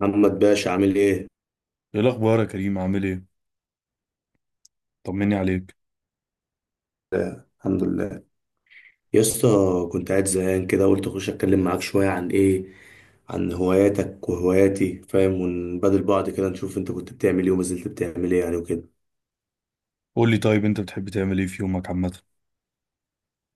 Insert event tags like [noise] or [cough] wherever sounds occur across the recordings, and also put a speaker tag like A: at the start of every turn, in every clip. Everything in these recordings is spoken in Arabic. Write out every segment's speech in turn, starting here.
A: محمد باشا، عامل ايه؟
B: ايه الاخبار يا كريم؟ عامل ايه؟ طمني عليك.
A: الحمد لله. يا اسطى كنت قاعد زهقان كده، قلت اخش اتكلم معاك شويه عن ايه، عن هواياتك وهواياتي، فاهم، ونبادل بعض كده، نشوف انت كنت بتعمل ايه وما زلت بتعمل ايه يعني وكده.
B: قول لي طيب، انت بتحب تعمل ايه في يومك عامه؟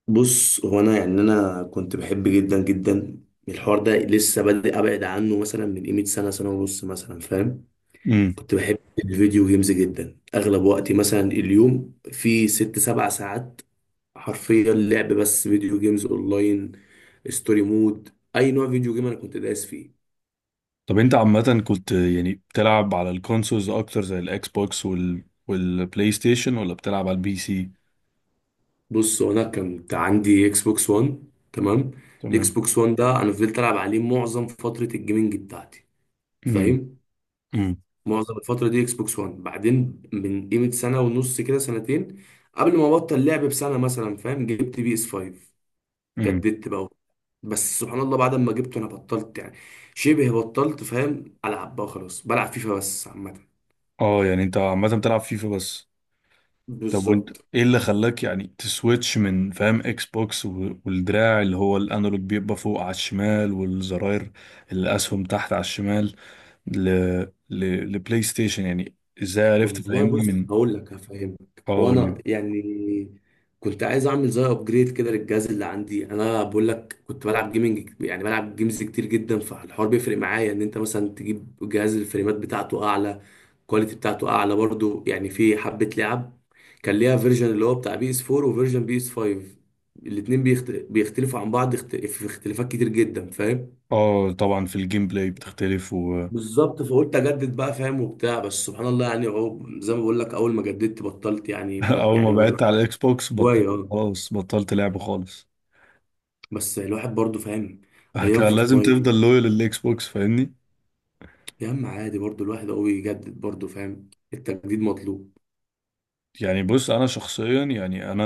A: بص، هو انا يعني كنت بحب جدا جدا الحوار ده، لسه بادئ ابعد عنه مثلا من قيمه سنه سنه ونص مثلا، فاهم.
B: امم
A: كنت بحب الفيديو جيمز جدا، اغلب وقتي مثلا اليوم في ست سبع ساعات حرفيا لعب بس، فيديو جيمز اونلاين، ستوري مود. اي نوع فيديو جيم انا كنت دايس فيه.
B: طب انت عامه كنت يعني بتلعب على الكونسولز اكتر زي الاكس بوكس وال والبلاي ستيشن، ولا بتلعب على البي سي؟
A: بص، هو انا كنت عندي اكس بوكس 1. تمام. الاكس
B: تمام.
A: بوكس 1 ده انا فضلت العب عليه معظم فتره الجيمنج بتاعتي،
B: امم
A: فاهم.
B: امم
A: معظم الفتره دي اكس بوكس 1، بعدين من قيمه سنه ونص كده سنتين قبل ما ابطل لعب بسنه مثلا، فاهم، جبت بي اس 5.
B: امم
A: جددت بقى. بس سبحان الله بعد ما جبته انا بطلت يعني، شبه بطلت، فاهم، العب بقى. خلاص بلعب فيفا بس عامه.
B: اه، يعني انت عامه بتلعب فيفا بس؟ طب وانت
A: بالظبط.
B: ايه اللي خلاك يعني تسويتش من فاهم اكس بوكس و- والدراع اللي هو الانالوج بيبقى فوق على الشمال، والزراير الاسهم تحت على الشمال، ل... لبلاي ستيشن يعني؟ ازاي عرفت
A: والله
B: فاهمني
A: بص
B: من
A: هقول لك هفهمك. هو
B: اه
A: انا يعني كنت عايز اعمل زي ابجريد كده للجهاز اللي عندي. انا بقول لك كنت بلعب جيمنج، يعني بلعب جيمز كتير جدا، فالحوار بيفرق معايا ان انت مثلا تجيب جهاز الفريمات بتاعته اعلى، الكواليتي بتاعته اعلى برضو. يعني في حبة لعب كان ليها فيرجن اللي هو بتاع بي اس 4 وفيرجن بي اس 5، الاتنين بيختلفوا عن بعض، في اختلافات كتير جدا، فاهم.
B: اه طبعا في الجيم بلاي بتختلف
A: بالظبط. فقلت اجدد بقى، فاهم وبتاع. بس سبحان الله، يعني اهو زي ما بقول لك، اول ما جددت بطلت
B: [laughs]
A: يعني، ما
B: اول
A: يعني
B: ما
A: ما
B: بعدت
A: بقتش
B: على الاكس بوكس بطلت،
A: هوايه. اه
B: خلاص بطلت لعب خالص،
A: بس الواحد برضو فاهم ايام
B: كان لازم
A: فورتنايت.
B: تفضل لويال للاكس بوكس فاهمني.
A: يا عم عادي، برضو الواحد هو يجدد برضو، فاهم، التجديد مطلوب.
B: يعني بص انا شخصيا يعني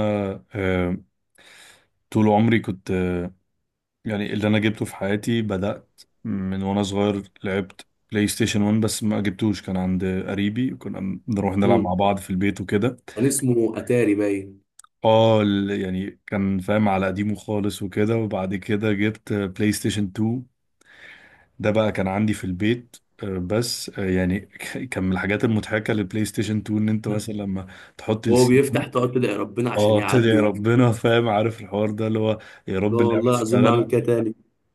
B: آه، طول عمري كنت آه، يعني اللي انا جبته في حياتي بدأت من وانا صغير، لعبت بلاي ستيشن 1 بس ما جبتوش، كان عند قريبي، كنا بنروح نلعب مع
A: امم
B: بعض في البيت وكده.
A: كان اسمه اتاري باين.
B: اه يعني كان فاهم على قديمه خالص وكده، وبعد كده جبت بلاي ستيشن 2، ده بقى كان عندي في البيت. آه، بس آه، يعني [laughs] كان من الحاجات المضحكة للبلاي ستيشن 2 ان انت مثلا لما تحط
A: وهو
B: السي
A: بيفتح
B: دي،
A: تقعد تدعي ربنا عشان
B: اه
A: يعدي
B: تدعي
A: ويفتح
B: ربنا
A: اصلا.
B: فاهم، عارف الحوار ده اللي هو يا
A: لا
B: رب اللعبة
A: والله العظيم ما اعمل
B: تشتغل،
A: كده تاني.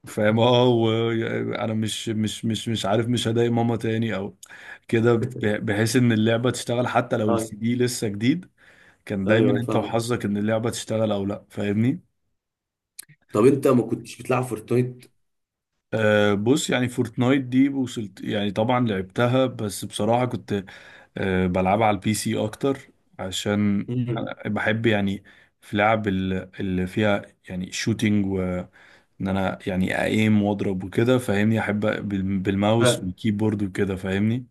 B: فاهم؟ اه وانا مش عارف، مش هضايق ماما تاني او كده، بحيث ان اللعبة تشتغل حتى لو
A: ايوه.
B: السي دي لسه جديد، كان
A: ايوه
B: دايما انت
A: فاهم.
B: وحظك ان اللعبة تشتغل او لا، فاهمني؟
A: طب انت ما كنتش بتلعب فورتنايت؟
B: أه بص، يعني فورتنايت دي وصلت يعني طبعا لعبتها، بس بصراحة كنت أه بلعبها على البي سي أكتر، عشان أنا بحب يعني في لعب اللي فيها يعني شوتينج، وإن أنا يعني أقيم وأضرب وكده فاهمني، أحب بالماوس
A: امم
B: والكيبورد وكده فاهمني.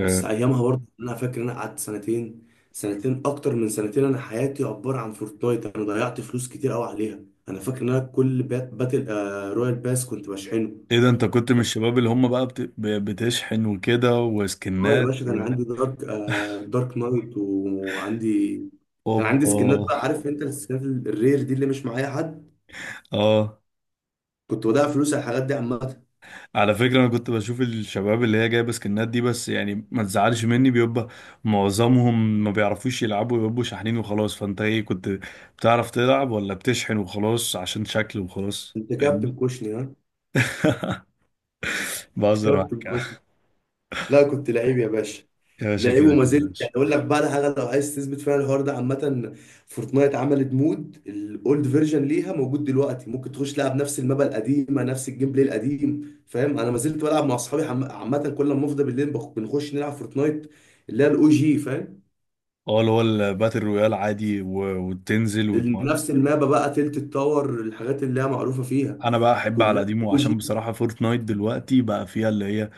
A: بس ايامها برضه انا فاكر إن انا قعدت سنتين، اكتر من سنتين، انا حياتي عباره عن فورتنايت. انا ضيعت فلوس كتير قوي عليها. انا فاكر ان انا كل باتل رويال باس كنت بشحنه.
B: إيه ده؟ أنت كنت من الشباب اللي هم بقى بتشحن وكده
A: اه يا
B: وسكنات
A: باشا،
B: و...
A: كان عندي دارك، دارك نايت، وعندي كان عندي سكنات
B: أوبا.
A: بقى. عارف انت السكنات الرير دي اللي مش معايا حد.
B: [laughs] آه.
A: كنت بضيع فلوس على الحاجات دي عامه.
B: على فكرة أنا كنت بشوف الشباب اللي هي جايبة سكنات دي، بس يعني ما تزعلش مني، بيبقى معظمهم ما بيعرفوش يلعبوا، بيبقوا شاحنين وخلاص، فأنت إيه كنت بتعرف تلعب، ولا بتشحن وخلاص عشان شكل وخلاص
A: انت كابتن
B: فاهمني؟
A: كوشني ها؟
B: [laughs] بهزر
A: كابتن.
B: معاك
A: لا كنت لعيب يا باشا.
B: يا باشا،
A: لعيب
B: كده
A: وما
B: كده يا
A: زلت
B: باشا.
A: يعني. اقول لك بقى على حاجه لو عايز تثبت فيها الحوار ده عامه. فورتنايت عملت مود الاولد فيرجن ليها، موجود دلوقتي، ممكن تخش تلعب نفس المابا القديمه، نفس الجيم بلاي القديم، فاهم. انا ما زلت بلعب مع اصحابي عامه كل ما افضى بالليل بنخش نلعب فورتنايت اللي هي الاو جي، فاهم.
B: اه اللي هو الباتل رويال، عادي وتنزل وت...
A: نفس المابا بقى، تلت التاور، الحاجات اللي هي معروفه فيها
B: انا بقى احب على
A: كلها،
B: قديمه،
A: او
B: عشان
A: جي.
B: بصراحه فورتنايت دلوقتي بقى فيها اللي هي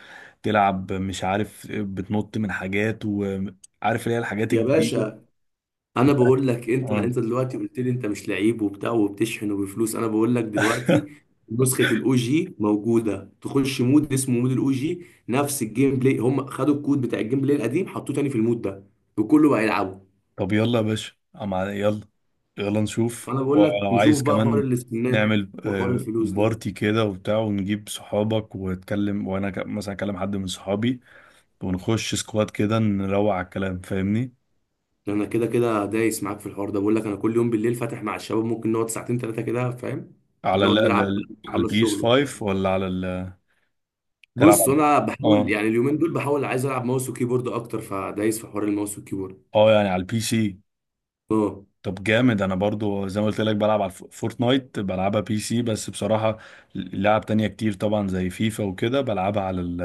B: تلعب مش عارف، بتنط من حاجات وعارف اللي هي الحاجات
A: يا
B: الجديده.
A: باشا، انا
B: بتاعت-
A: بقول لك، انت
B: اه
A: انت دلوقتي قلت لي انت مش لعيب وبتاع وبتشحن وبفلوس، انا بقول لك دلوقتي نسخه الاو جي موجوده، تخش مود اسمه مود الاو جي، نفس الجيم بلاي، هم خدوا الكود بتاع الجيم بلاي القديم حطوه تاني في المود ده وكله بقى يلعبه.
B: طب يلا يا باشا، يلا، يلا نشوف،
A: فانا بقول لك
B: ولو
A: نشوف
B: عايز
A: بقى حوار
B: كمان
A: السكنات
B: نعمل
A: وحوار
B: آه،
A: الفلوس ده.
B: بارتي كده وبتاع، ونجيب صحابك واتكلم، وانا مثلا اكلم حد من صحابي، ونخش سكواد كده، نروق على الكلام فاهمني.
A: ده انا كده كده دايس معاك في الحوار ده، بقول لك انا كل يوم بالليل فاتح مع الشباب، ممكن نقعد ساعتين ثلاثه كده، فاهم،
B: على
A: نقعد نلعب بقى،
B: على
A: نخلص شغل
B: البيس
A: وبتاع.
B: 5 ولا على ال... تلعب
A: بص،
B: على
A: انا بحاول
B: اه.
A: يعني اليومين دول، بحاول عايز العب ماوس وكيبورد اكتر، فدايس في حوار الماوس والكيبورد.
B: اه يعني على البي سي.
A: اه
B: طب جامد، انا برضو زي ما قلت لك بلعب على فورتنايت بلعبها بي سي، بس بصراحة لعب تانية كتير طبعا زي فيفا وكده بلعبها على ال...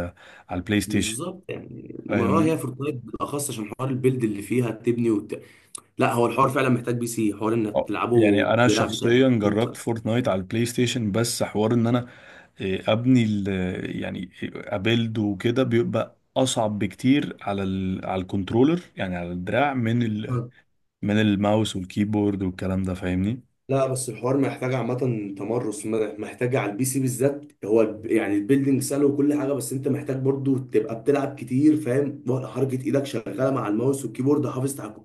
B: على البلاي ستيشن
A: بالظبط، يعني ما اه
B: فاهمني.
A: هي فورتنايت بالاخص عشان حوار البيلد اللي فيها، تبني لا، هو الحوار فعلا محتاج بي سي، حوار انك
B: اه، يعني
A: تلعبه
B: انا
A: بدراع بتاع ال
B: شخصيا جربت
A: PC.
B: فورتنايت على البلاي ستيشن، بس حوار ان انا آه، ابني يعني ابيلد وكده، بيبقى اصعب بكتير على ال... على الكنترولر يعني على الدراع، من ال... من الماوس والكيبورد والكلام ده فاهمني.
A: لا بس الحوار محتاج عامة تمرس، محتاج على البي سي بالذات. هو يعني البيلدينج سهل وكل حاجة، بس انت محتاج برضو تبقى بتلعب كتير، فاهم، ولا حركة ايدك شغالة مع الماوس والكيبورد، حافظ تحكم.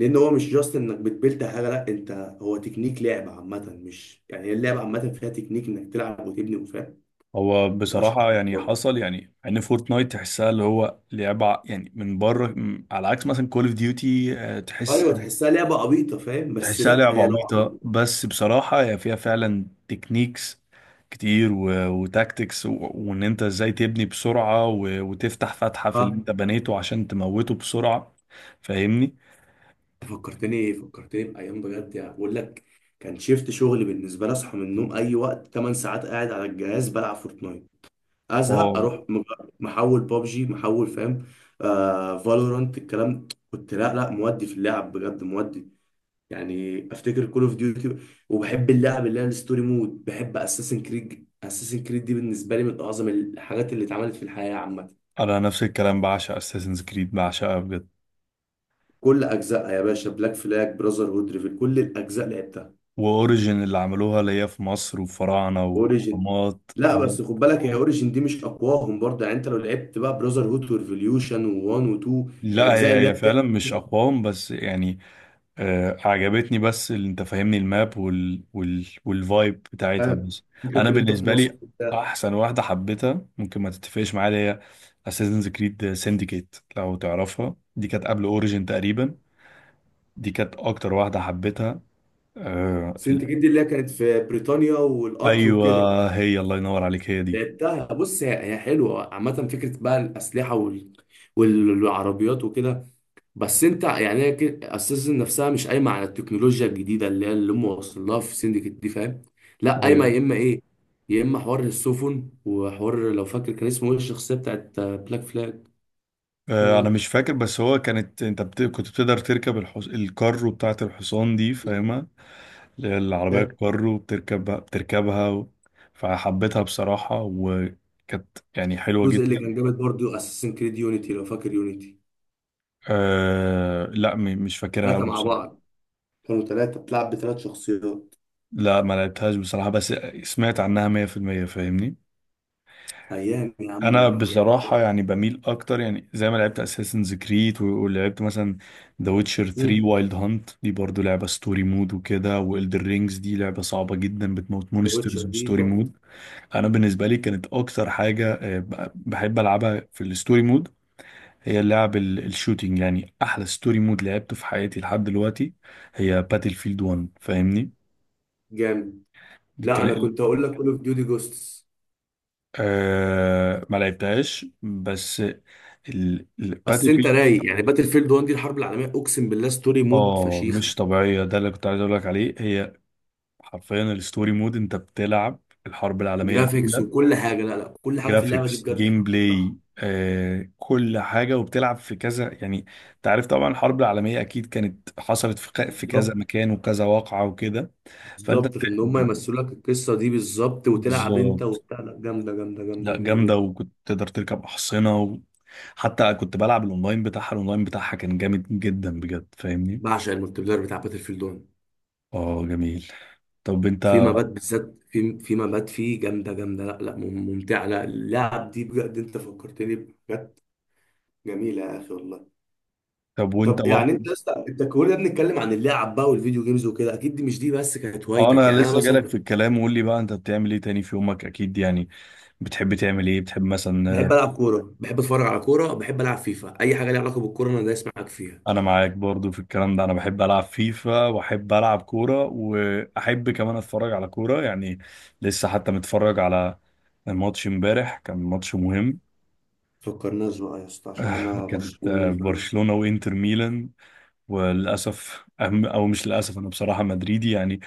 A: لان هو مش جاست انك بتبيلد حاجة، لا، انت هو تكنيك لعب عامة. مش يعني هي اللعبة عامة فيها تكنيك انك تلعب وتبني وفاهم،
B: هو
A: ما تبقاش
B: بصراحة
A: حافظ
B: يعني
A: برضه.
B: حصل يعني ان فورتنايت تحسها اللي هو لعبة يعني من بره، على عكس مثلا كول اوف ديوتي، تحس
A: ايوه، تحسها لعبة عبيطة فاهم، بس
B: تحسها
A: لا،
B: لعبة
A: هي
B: عبيطة، بس بصراحة هي فيها فعلا تكنيكس كتير وتاكتكس وان انت ازاي تبني بسرعة وتفتح فتحة في اللي
A: لو
B: انت بنيته عشان تموته بسرعة فاهمني؟
A: فكرتني إيه؟ فكرتني بأيام بجد يعني. بقول لك كان شيفت شغل بالنسبة لي. أصحى من النوم، أي وقت، 8 ساعات قاعد على الجهاز بلعب فورتنايت. أزهق
B: اه
A: أروح محول بابجي، محول فاهم، فالورانت، الكلام. كنت لا لا مودي في اللعب بجد، مودي يعني. أفتكر كول أوف ديوتي. وبحب اللعب اللي هي الستوري مود. بحب أساسن كريد. أساسن كريد دي بالنسبة لي من أعظم الحاجات اللي اتعملت في الحياة عامة.
B: انا نفس الكلام، بعشق اساسنز كريد، بعشقها بجد.
A: كل أجزائها يا باشا، بلاك فلاج، براذر هود، ريفل، كل الأجزاء لعبتها.
B: واوريجن اللي عملوها اللي هي في مصر وفراعنة
A: اوريجن.
B: واهرامات،
A: لا
B: اه
A: بس خد بالك، هي اوريجن دي مش اقواهم برضه. يعني انت لو لعبت بقى براذر هود وريفوليوشن و1 و2،
B: لا
A: الاجزاء
B: هي
A: اللي هي
B: هي
A: بتاع
B: فعلا مش اقوام بس يعني آه، عجبتني، بس اللي انت فاهمني الماب وال وال والفايب بتاعتها بس. انا
A: فكره ان انت في
B: بالنسبه
A: مصر
B: لي
A: وبتاع.
B: احسن واحده حبيتها، ممكن ما تتفقش معايا، اللي هي اساسنز كريد سينديكيت لو تعرفها، دي كانت قبل اوريجين تقريبا، دي كانت اكتر واحده حبيتها. آه ال-
A: سنتجد دي اللي هي كانت في بريطانيا والقطر
B: ايوه،
A: وكده
B: هي الله ينور عليك، هي دي.
A: لعبتها. بص هي هي حلوه عامه، فكره بقى الاسلحه والعربيات وكده. بس انت يعني هي كده اساسا نفسها مش قايمه على التكنولوجيا الجديده اللي هي اللي هم واصلين لها في سندكت دي، فاهم. لا قايمه،
B: ايوه.
A: يا اما ايه، يا اما حوار السفن وحوار، لو فاكر كان اسمه ايه الشخصيه بتاعت بلاك فلاج؟
B: آه انا
A: فاكر؟
B: مش فاكر، بس هو كانت انت كنت بتقدر تركب الكارو بتاعت الحصان دي فاهمها، اللي هي العربية الكارو بتركبها، بتركبها فحبيتها بصراحة، وكانت يعني حلوة
A: الجزء
B: جدا.
A: اللي كان جامد برضه اساسن كريد يونيتي، لو فاكر يونيتي.
B: أه، لا م... مش فاكرها أوي
A: ثلاثه مع بعض،
B: بصراحة.
A: كانوا ثلاثة بتلعب بثلاث شخصيات.
B: لا ما لعبتهاش بصراحة، بس سمعت عنها 100% فاهمني.
A: ايام يا عم
B: أنا
A: يعني بجد.
B: بصراحة يعني بميل أكتر، يعني زي ما لعبت أساسنز كريد، ولعبت مثلا ذا ويتشر 3
A: مم.
B: وايلد هانت، دي برضو لعبة ستوري مود وكده، وإلدر رينجز دي لعبة صعبة جدا، بتموت
A: ذا ويتشر
B: مونسترز
A: دي
B: وستوري
A: تحفه.
B: مود. انا بالنسبه لي كانت اكتر حاجه آه، بحب العبها في الستوري مود، هي اللعب الشوتينج، يعني احلى ستوري مود لعبته في حياتي لحد دلوقتي هي باتل فيلد 1 فاهمني.
A: جامد.
B: دي
A: لا انا
B: كان
A: كنت هقول لك كول اوف ديوتي جوستس.
B: آه ما لعبتهاش، بس
A: بس
B: الباتل
A: انت
B: فيلد
A: رايق يعني، باتل فيلد 1 دي الحرب العالميه، اقسم بالله ستوري مود
B: اه
A: فشيخه.
B: مش طبيعيه، ده اللي كنت عايز اقول لك عليه، هي حرفيا الستوري مود انت بتلعب الحرب العالميه
A: جرافيكس
B: الاولى،
A: وكل حاجه، لا لا، كل حاجه في اللعبه دي
B: جرافيكس
A: بجد
B: جيم
A: صح. صح.
B: بلاي آه، كل حاجة، وبتلعب في كذا يعني، انت عارف طبعا الحرب العالمية أكيد كانت حصلت في في كذا
A: بالظبط.
B: مكان وكذا واقعة وكده، فأنت
A: بالظبط، فان هم
B: بت-
A: يمثلوا لك القصه دي بالظبط، وتلعب انت
B: بالظبط.
A: وبتاع. لا جامده جامده جامده
B: لا
A: جامده
B: جامدة،
A: جدا.
B: وكنت تقدر تركب أحصنة، وحتى كنت بلعب الأونلاين بتاعها، الأونلاين بتاعها كان جامد جدا بجد فاهمني؟
A: بعشق الملتي بلاير بتاع باتل فيلد 1.
B: اه جميل. طب انت
A: في مبات بالذات، في مبات فيه جامده، جامده لا لا ممتعه. لا اللعب دي بجد انت فكرتني، بجد، جميله يا اخي والله.
B: طب وانت
A: طب يعني
B: برضو،
A: انت لسه، انت كلنا بنتكلم عن اللعب بقى والفيديو جيمز وكده، اكيد دي مش دي بس كانت
B: اه
A: هوايتك
B: انا
A: يعني. انا
B: لسه جالك
A: مثلا
B: في الكلام، وقول لي بقى انت بتعمل ايه تاني في يومك، اكيد يعني بتحب تعمل ايه، بتحب مثلا؟
A: بحب العب كوره، بحب اتفرج على كوره، بحب العب فيفا، اي حاجه ليها علاقه بالكوره انا دايس معاك فيها.
B: انا معاك برضو في الكلام ده، انا بحب العب فيفا، واحب العب كوره، واحب كمان اتفرج على كوره يعني، لسه حتى متفرج على ماتش امبارح، كان ماتش مهم.
A: فكرناش بقى يا اسطى
B: [laughs]
A: عشان
B: آه،
A: انا
B: كانت آه،
A: برشلوني، فاهم.
B: برشلونه وانتر ميلان، وللاسف أهم- او مش للاسف، انا بصراحه مدريدي يعني،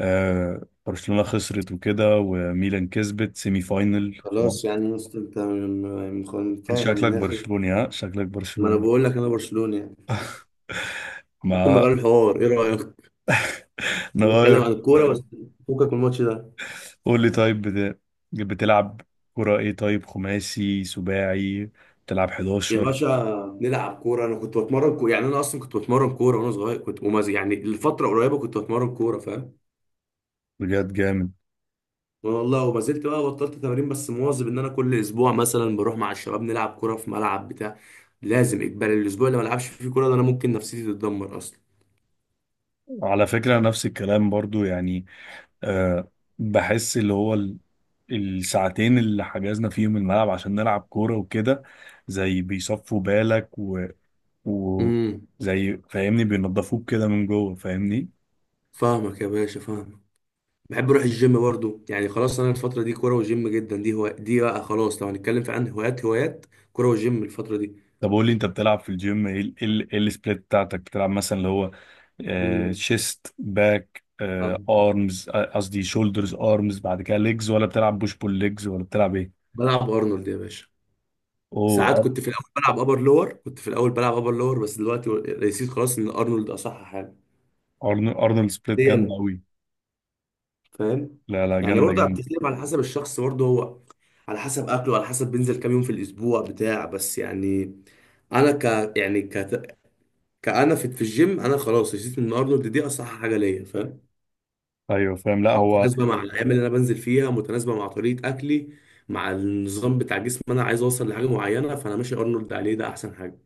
B: آه، برشلونه خسرت وكده، وميلان كسبت سيمي فاينل
A: خلاص
B: خلاص.
A: يعني يا اسطى انت
B: انت
A: فاهم
B: شكلك
A: ان اخر،
B: برشلوني ها؟ شكلك
A: ما انا
B: برشلوني.
A: بقول لك انا برشلوني يعني. ممكن
B: ما
A: نغير الحوار، ايه رايك؟
B: [laughs] نغير.
A: نتكلم عن الكوره بس. فكك من الماتش ده.
B: قول لي طيب بتلعب كرة ايه؟ طيب خماسي، سباعي، بتلعب
A: يا
B: 11؟
A: باشا نلعب كوره، انا كنت بتمرن كوره يعني، انا اصلا كنت بتمرن كوره وانا صغير، كنت يعني الفتره قريبه كنت بتمرن كوره، فاهم.
B: بجد جامد.
A: والله وما زلت بقى، بطلت تمارين بس مواظب ان انا كل اسبوع مثلا بروح مع الشباب نلعب كوره في ملعب بتاع. لازم اجباري، الاسبوع اللي ما العبش فيه كوره ده انا ممكن نفسيتي تتدمر اصلا.
B: على فكرة نفس الكلام برضو يعني، أه بحس اللي هو الساعتين اللي حجزنا فيهم الملعب عشان نلعب كورة وكده، زي بيصفوا بالك و...
A: امم
B: زي فاهمني بينضفوك كده من جوه فاهمني.
A: فاهمك يا باشا، فاهمك. بحب اروح الجيم برضو يعني. خلاص انا الفتره دي كوره وجيم جدا، دي هو دي بقى خلاص. لو هنتكلم في عن هوايات، هوايات كوره وجيم الفتره دي.
B: طب قول لي، انت بتلعب في الجيم ايه ايه إيه السبليت بتاعتك؟ بتلعب مثلا اللي هو
A: امم
B: شيست باك
A: فاهم.
B: ارمز، قصدي شولدرز ارمز، بعد كده ليجز، ولا بتلعب بوش بول ليجز، ولا بتلعب ايه؟
A: بلعب ارنولد يا باشا.
B: اوه
A: ساعات كنت في الاول بلعب ابر لور، بس دلوقتي نسيت خلاص ان ارنولد اصح حاجه.
B: ارنولد سبليت جامده
A: ليه؟
B: قوي.
A: فاهم.
B: لا لا
A: يعني
B: جامده
A: برضه
B: جامده.
A: بتختلف على حسب الشخص برضه، هو على حسب اكله، على حسب بينزل كام يوم في الاسبوع بتاع، بس يعني انا ك يعني ك كأنا في الجيم انا خلاص رسيت ان ارنولد دي اصح حاجه ليا، فاهم.
B: ايوه فاهم، لا هو،
A: متناسبه مع الايام اللي انا بنزل فيها، متناسبه مع طريقه اكلي، مع النظام بتاع جسمي. انا عايز اوصل لحاجه معينه فانا ماشي ارنولد، عليه ده احسن حاجه.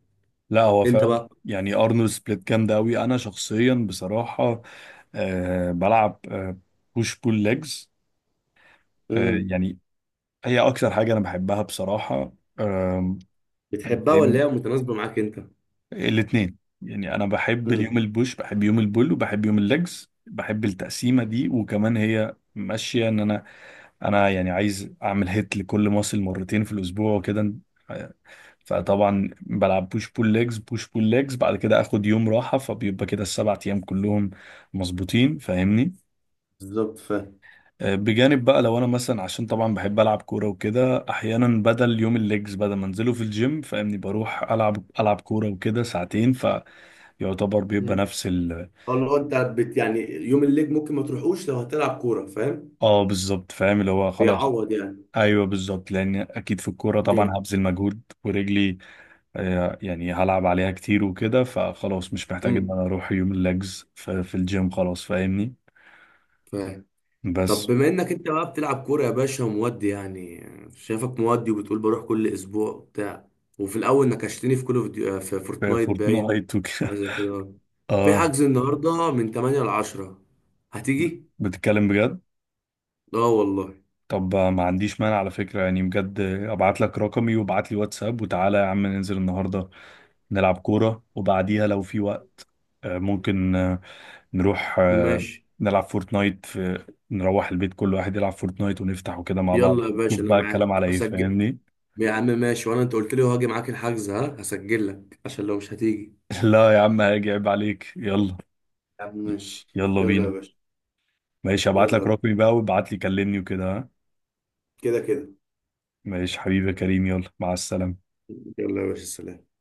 B: لا هو
A: انت
B: فعلا.
A: بقى.
B: يعني ارنولد سبليت جامده قوي، انا شخصيا بصراحه آه بلعب بوش بول ليجز، أه push pull legs. آه،
A: امم
B: يعني هي اكتر حاجه انا بحبها بصراحه. آم،
A: بتحبها ولا
B: فاهم
A: هي متناسبه معاك انت؟
B: الاثنين، يعني انا بحب اليوم
A: امم
B: البوش، بحب يوم البول، وبحب يوم الليجز، بحب التقسيمه دي، وكمان هي ماشيه ان انا، انا يعني عايز اعمل هيت لكل ماسل مرتين في الاسبوع وكده، فطبعا بلعب بوش بول ليجز بوش بول ليجز بعد كده اخد يوم راحه، فبيبقى كده السبع ايام كلهم مظبوطين فاهمني.
A: بالظبط فاهم.
B: آه، بجانب بقى لو انا مثلا، عشان طبعا بحب العب كوره وكده، احيانا بدل يوم الليجز بدل ما انزله في الجيم فاهمني، بروح العب العب كوره وكده ساعتين، يعتبر بيبقى نفس ال...
A: اه اللي هو انت بت يعني يوم الليج ممكن ما تروحوش لو هتلعب كوره، فاهم.
B: اه بالظبط فاهم، اللي هو خلاص.
A: بيعوض يعني.
B: ايوه بالظبط، لان اكيد في الكوره طبعا
A: جامد.
B: هبذل مجهود، ورجلي آه، يعني هلعب عليها كتير وكده، فخلاص مش محتاج ان
A: امم
B: انا اروح يوم الليجز في الجيم خلاص فاهمني.
A: فاهم. طب
B: بس.
A: بما انك انت بقى بتلعب كوره يا باشا، ومودي يعني، شايفك مودي وبتقول بروح كل اسبوع وبتاع، وفي الاول نكشتني في في
B: في
A: فورتنايت باين،
B: فورتنايت
A: حاجه
B: وكده.
A: زي كده،
B: [laughs]
A: في
B: اه
A: حجز النهارده من 8 ل 10، هتيجي؟
B: بتتكلم بجد؟
A: اه والله.
B: طب ما عنديش مانع على فكره، يعني بجد ابعت لك رقمي وابعت لي واتساب، وتعالى يا عم ننزل النهارده نلعب كوره، وبعديها لو في وقت آه، ممكن آه، نروح آه،
A: ماشي
B: نلعب فورتنايت في... نروح البيت كل واحد يلعب فورتنايت ونفتح وكده مع بعض،
A: يلا يا
B: نشوف
A: باشا انا
B: بقى الكلام
A: معاك
B: على ايه
A: هسجل.
B: فاهمني.
A: يا عم ماشي، وانا انت قلت لي هاجي معاك الحجز، ها هسجل لك عشان لو مش هتيجي.
B: [laughs] لا يا عم هاجي، عيب عليك، يلا.
A: يا عم ماشي
B: يلا
A: يلا يا
B: بينا.
A: باشا.
B: ماشي، هبعت لك
A: يلا.
B: رقمي بقى، وابعت لي كلمني وكده، ها؟
A: كده كده.
B: ماشي حبيبي يا كريم، يلا مع السلامة.
A: يلا يا باشا سلام.